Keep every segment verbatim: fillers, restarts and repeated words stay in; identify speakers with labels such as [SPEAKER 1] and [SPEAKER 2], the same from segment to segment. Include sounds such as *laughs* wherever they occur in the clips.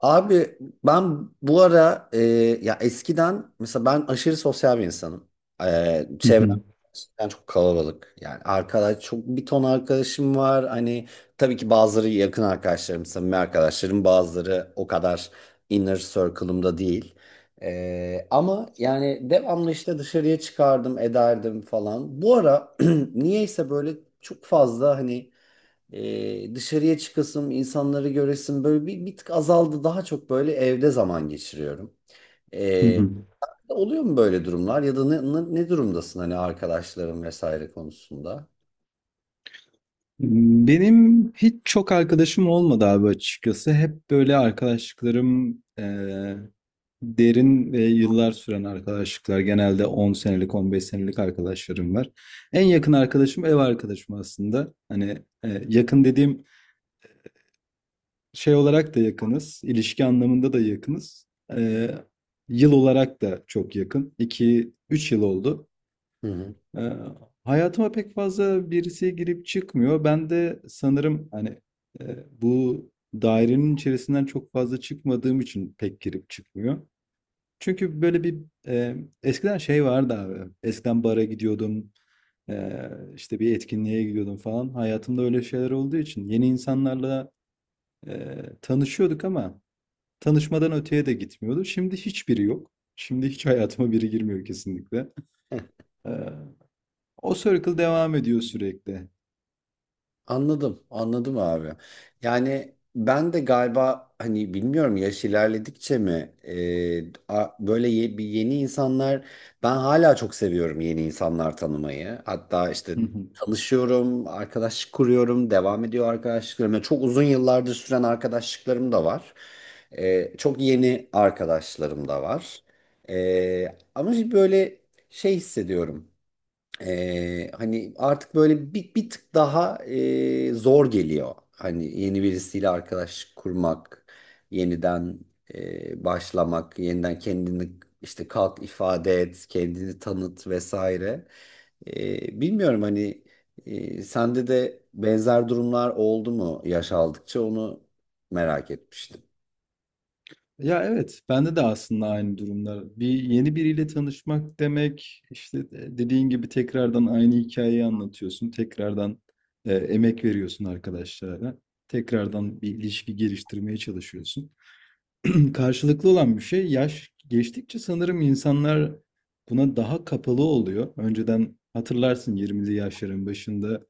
[SPEAKER 1] Abi, ben bu ara e, ya eskiden mesela ben aşırı sosyal bir insanım. E,
[SPEAKER 2] Hı
[SPEAKER 1] çevrem
[SPEAKER 2] hı,
[SPEAKER 1] gerçekten çok kalabalık. Yani arkadaş çok bir ton arkadaşım var. Hani tabii ki bazıları yakın arkadaşlarım, samimi arkadaşlarım, bazıları o kadar inner circle'ımda değil. E, ama yani devamlı işte dışarıya çıkardım, ederdim falan. Bu ara *clears throat* niyeyse böyle çok fazla hani e, dışarıya çıkasım, insanları göresim böyle bir, bir tık azaldı. Daha çok böyle evde zaman geçiriyorum.
[SPEAKER 2] hı
[SPEAKER 1] E,
[SPEAKER 2] hı.
[SPEAKER 1] Oluyor mu böyle durumlar ya da ne, ne, ne durumdasın hani arkadaşların vesaire konusunda?
[SPEAKER 2] Benim hiç çok arkadaşım olmadı abi açıkçası. Hep böyle arkadaşlıklarım eee, derin ve yıllar süren arkadaşlıklar. Genelde 10 senelik, on beş senelik arkadaşlarım var. En yakın arkadaşım ev arkadaşım aslında. Hani eee, yakın dediğim şey olarak da yakınız. İlişki anlamında da yakınız. Eee, Yıl olarak da çok yakın. iki üç yıl oldu.
[SPEAKER 1] Hı hı.
[SPEAKER 2] Ee, Hayatıma pek fazla birisi girip çıkmıyor. Ben de sanırım hani e, bu dairenin içerisinden çok fazla çıkmadığım için pek girip çıkmıyor. Çünkü böyle bir e, eskiden şey vardı abi. Eskiden bara gidiyordum. E, işte bir etkinliğe gidiyordum falan. Hayatımda öyle şeyler olduğu için yeni insanlarla e, tanışıyorduk ama tanışmadan öteye de gitmiyordu. Şimdi hiçbiri yok. Şimdi hiç hayatıma biri girmiyor kesinlikle. *laughs* O circle devam ediyor sürekli.
[SPEAKER 1] Anladım, anladım abi. Yani ben de galiba hani bilmiyorum yaş ilerledikçe mi e, a- böyle ye- bir yeni insanlar, ben hala çok seviyorum yeni insanlar tanımayı. Hatta işte
[SPEAKER 2] Hı hı.
[SPEAKER 1] tanışıyorum, arkadaşlık kuruyorum, devam ediyor arkadaşlıklarım. Yani çok uzun yıllardır süren arkadaşlıklarım da var. E, çok yeni arkadaşlarım da var. E, ama böyle şey hissediyorum. Ee, hani artık böyle bir, bir tık daha e, zor geliyor. Hani yeni birisiyle arkadaş kurmak, yeniden e, başlamak, yeniden kendini işte kalk ifade et, kendini tanıt vesaire. Ee, bilmiyorum hani e, sende de benzer durumlar oldu mu yaş aldıkça, onu merak etmiştim.
[SPEAKER 2] Ya evet, bende de aslında aynı durumlar. Bir yeni biriyle tanışmak demek, işte de- dediğin gibi tekrardan aynı hikayeyi anlatıyorsun, tekrardan e, emek veriyorsun arkadaşlara, tekrardan bir ilişki geliştirmeye çalışıyorsun. *clears throat* Karşılıklı olan bir şey, yaş geçtikçe sanırım insanlar buna daha kapalı oluyor. Önceden hatırlarsın yirmili yaşların başında.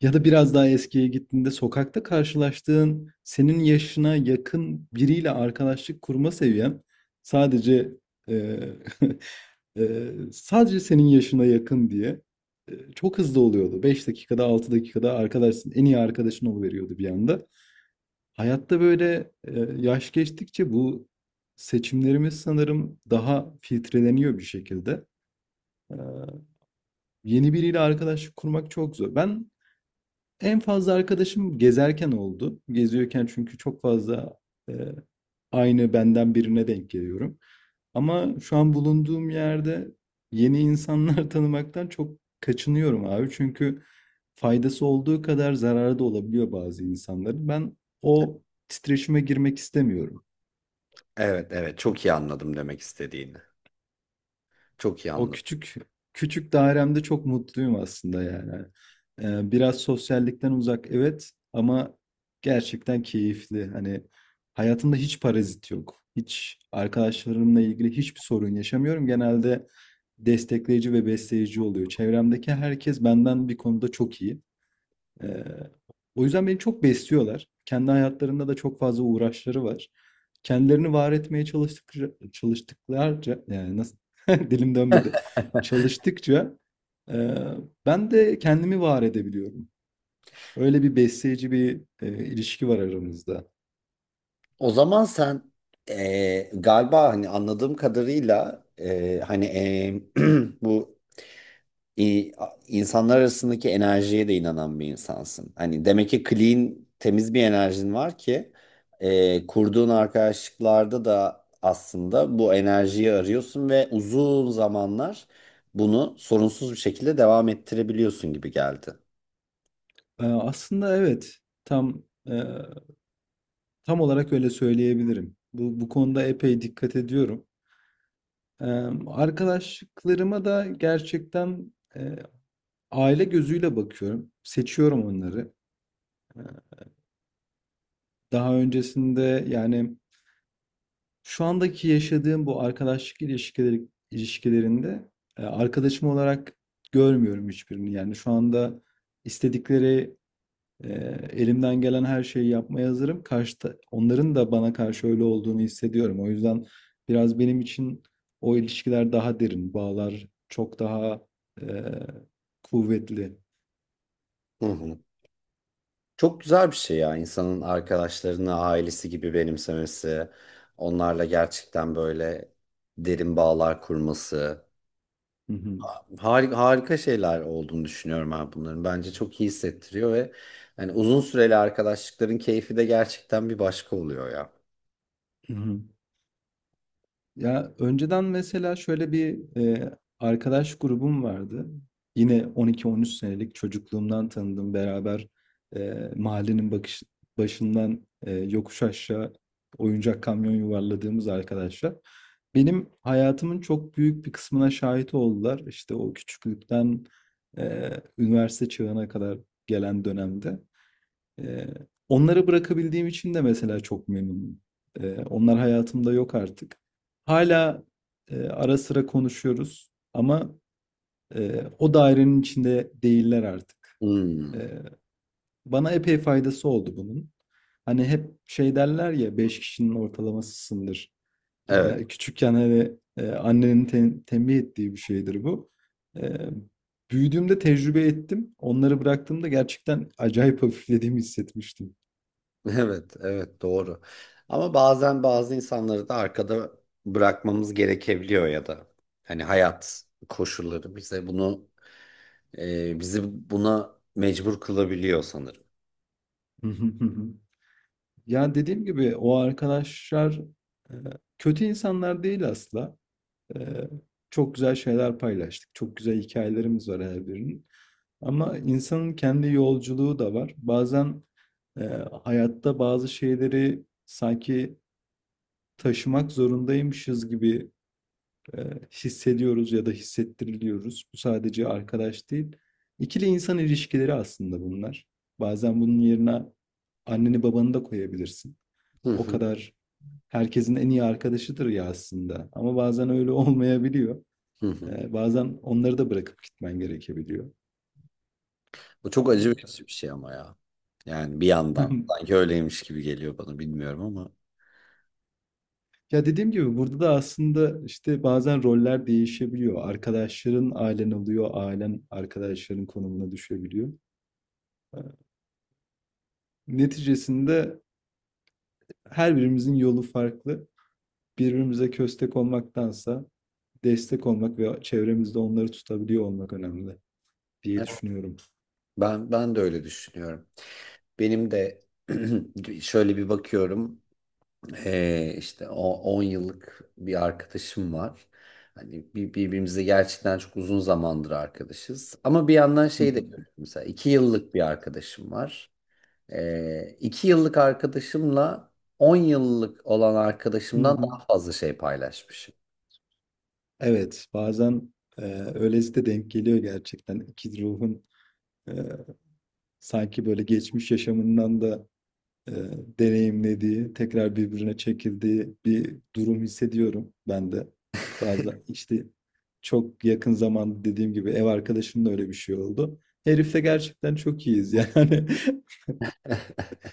[SPEAKER 2] Ya da biraz daha eskiye gittiğinde sokakta karşılaştığın senin yaşına yakın biriyle arkadaşlık kurma seviyen sadece eee, eee, *laughs* sadece senin yaşına yakın diye eee, çok hızlı oluyordu. Beş dakikada altı dakikada arkadaşsın en iyi arkadaşın oluveriyordu bir anda. Hayatta böyle eee, yaş geçtikçe bu seçimlerimiz sanırım daha filtreleniyor bir şekilde. Eee, Yeni biriyle arkadaşlık kurmak çok zor. Ben en fazla arkadaşım gezerken oldu. Geziyorken çünkü çok fazla e, aynı benden birine denk geliyorum. Ama şu an bulunduğum yerde yeni insanlar *laughs* tanımaktan çok kaçınıyorum abi. Çünkü faydası olduğu kadar zararı da olabiliyor bazı insanların. Ben o titreşime girmek istemiyorum.
[SPEAKER 1] Evet evet, çok iyi anladım demek istediğini. Çok iyi
[SPEAKER 2] O
[SPEAKER 1] anladım.
[SPEAKER 2] küçük küçük dairemde çok mutluyum aslında yani. Ee, biraz sosyallikten uzak evet ama gerçekten keyifli. Hani hayatımda hiç parazit yok. Hiç arkadaşlarımla ilgili hiçbir sorun yaşamıyorum. Genelde destekleyici ve besleyici oluyor. Çevremdeki herkes benden bir konuda çok iyi. Ee, O yüzden beni çok besliyorlar. Kendi hayatlarında da çok fazla uğraşları var. Kendilerini var etmeye çalıştıkça, çalıştıklarca, yani nasıl, *laughs* dilim dönmedi. Çalıştıkça e, ben de kendimi var edebiliyorum. Öyle bir besleyici bir e, ilişki var aramızda.
[SPEAKER 1] O zaman sen eee, galiba hani anladığım kadarıyla eee, hani eee, *clears throat* bu i- insanlar arasındaki enerjiye de inanan bir insansın. Hani demek ki clean, temiz bir enerjin var ki eee, kurduğun arkadaşlıklarda da aslında bu enerjiyi arıyorsun ve uzun zamanlar bunu sorunsuz bir şekilde devam ettirebiliyorsun gibi geldi.
[SPEAKER 2] Eee, aslında evet. Tam, eee, tam olarak öyle söyleyebilirim. Bu bu konuda epey dikkat ediyorum. Emm, arkadaşlıklarıma da gerçekten, eee, aile gözüyle bakıyorum. Seçiyorum onları. Eee, Daha öncesinde, yani, şu andaki yaşadığım bu arkadaşlık ilişkileri ilişkilerinde, eee, arkadaşım olarak görmüyorum hiçbirini. Yani, şu anda istedikleri. Ee, elimden gelen her şeyi yapmaya hazırım. Karşıta, onların da bana karşı öyle olduğunu hissediyorum. O yüzden biraz benim için o ilişkiler daha derin, bağlar çok daha e, kuvvetli.
[SPEAKER 1] Hı hı. Çok güzel bir şey ya, insanın arkadaşlarını ailesi gibi benimsemesi, onlarla gerçekten böyle derin bağlar kurması.
[SPEAKER 2] Hı hı,
[SPEAKER 1] Harika, harika şeyler olduğunu düşünüyorum ben bunların. Bence çok iyi hissettiriyor ve hani uzun süreli arkadaşlıkların keyfi de gerçekten bir başka oluyor ya.
[SPEAKER 2] hı hı. Ya önceden mesela şöyle bir e, arkadaş grubum vardı. Yine 12-13 senelik çocukluğumdan tanıdım. Beraber e, mahallenin bakış, başından e, yokuş aşağı oyuncak kamyon yuvarladığımız arkadaşlar. Benim hayatımın çok büyük bir kısmına şahit oldular. İşte o küçüklükten e, üniversite çağına kadar gelen dönemde. Eee, Onları bırakabildiğim için de mesela çok memnunum. Eee, onlar hayatımda yok artık. Hala eee, ara sıra konuşuyoruz ama, eee, o dairenin içinde değiller artık.
[SPEAKER 1] Hmm.
[SPEAKER 2] Eee, Bana epey faydası oldu bunun. Hani hep şey derler ya, beş kişinin ortalamasısındır.
[SPEAKER 1] Evet.
[SPEAKER 2] Eee, küçükken hani, eee, annenin tem tembih ettiği bir şeydir bu. Eee, Büyüdüğümde tecrübe ettim. Onları bıraktığımda gerçekten acayip hafiflediğimi hissetmiştim.
[SPEAKER 1] *laughs* Evet, evet, doğru. Ama bazen bazı insanları da arkada bırakmamız gerekebiliyor ya da hani hayat koşulları bize bunu e, bizi buna mecbur kılabiliyor sanırım.
[SPEAKER 2] Hı hı, hı hı. Ya dediğim gibi o arkadaşlar e, kötü insanlar değil asla. E, Çok güzel şeyler paylaştık. Çok güzel hikayelerimiz var her birinin. Ama insanın kendi yolculuğu da var. Bazen e, hayatta bazı şeyleri sanki taşımak zorundaymışız gibi e, hissediyoruz ya da hissettiriliyoruz. Bu sadece arkadaş değil. İkili insan ilişkileri aslında bunlar. Bazen bunun yerine anneni babanı da koyabilirsin.
[SPEAKER 1] Hı
[SPEAKER 2] O
[SPEAKER 1] hı,
[SPEAKER 2] kadar herkesin en iyi arkadaşıdır ya aslında. Ama bazen öyle *laughs* olmayabiliyor.
[SPEAKER 1] hı hı.
[SPEAKER 2] E, bazen onları da bırakıp gitmen gerekebiliyor.
[SPEAKER 1] Bu çok acı verici bir şey ama ya. Yani bir yandan
[SPEAKER 2] *laughs*
[SPEAKER 1] sanki öyleymiş gibi geliyor bana, bilmiyorum ama.
[SPEAKER 2] Ya dediğim gibi burada da aslında işte bazen roller değişebiliyor. Arkadaşların ailen oluyor, ailen arkadaşların konumuna düşebiliyor. Ee, Neticesinde her birimizin yolu farklı. Birbirimize köstek olmaktansa destek olmak ve çevremizde onları tutabiliyor olmak önemli diye
[SPEAKER 1] Evet.
[SPEAKER 2] düşünüyorum.
[SPEAKER 1] ben ben de öyle düşünüyorum. Benim de *clears throat* şöyle bir bakıyorum, e, işte o on yıllık bir arkadaşım var. Hani bir- birbirimize gerçekten çok uzun zamandır arkadaşız. Ama bir yandan
[SPEAKER 2] Hı
[SPEAKER 1] şey de
[SPEAKER 2] hı.
[SPEAKER 1] görüyorum. Mesela iki yıllık bir arkadaşım var. Ee, iki yıllık arkadaşımla on yıllık olan
[SPEAKER 2] Hı
[SPEAKER 1] arkadaşımdan
[SPEAKER 2] hı.
[SPEAKER 1] daha fazla şey paylaşmışım.
[SPEAKER 2] Evet, bazen e, öylesi de denk geliyor gerçekten. İki ruhun e, sanki böyle geçmiş yaşamından da e, deneyimlediği, tekrar birbirine çekildiği bir durum hissediyorum ben de.
[SPEAKER 1] *laughs*
[SPEAKER 2] Bazen işte çok yakın zamanda dediğim gibi ev arkadaşımla öyle bir şey oldu. Herifle gerçekten çok iyiyiz yani.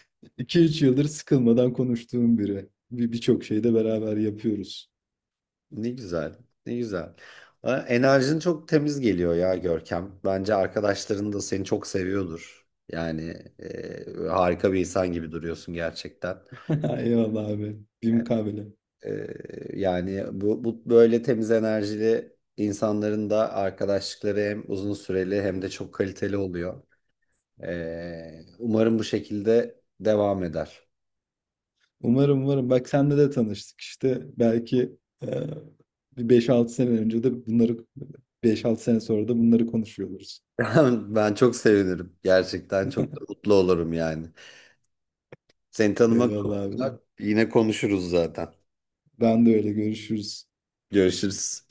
[SPEAKER 2] *laughs* iki üç yıldır sıkılmadan konuştuğum biri. Bir birçok şeyi de beraber yapıyoruz.
[SPEAKER 1] Ne güzel, ne güzel. Ha, enerjin çok temiz geliyor ya Görkem. Bence arkadaşların da seni çok seviyordur. Yani e, harika bir insan gibi duruyorsun gerçekten.
[SPEAKER 2] *laughs* Eyvallah abi. Bir mukabele.
[SPEAKER 1] E, Yani bu, bu böyle temiz enerjili insanların da arkadaşlıkları hem uzun süreli hem de çok kaliteli oluyor. E, umarım bu şekilde devam eder.
[SPEAKER 2] Umarım umarım. Bak senle de tanıştık işte. Belki e, bir beş altı sene önce de bunları beş altı sene sonra da bunları konuşuyoruz.
[SPEAKER 1] *laughs* Ben çok sevinirim. Gerçekten çok da
[SPEAKER 2] *laughs*
[SPEAKER 1] mutlu olurum yani. Seni tanımak
[SPEAKER 2] Eyvallah
[SPEAKER 1] çok güzel.
[SPEAKER 2] abi.
[SPEAKER 1] Yine konuşuruz zaten.
[SPEAKER 2] Ben de öyle görüşürüz.
[SPEAKER 1] Görüşürüz.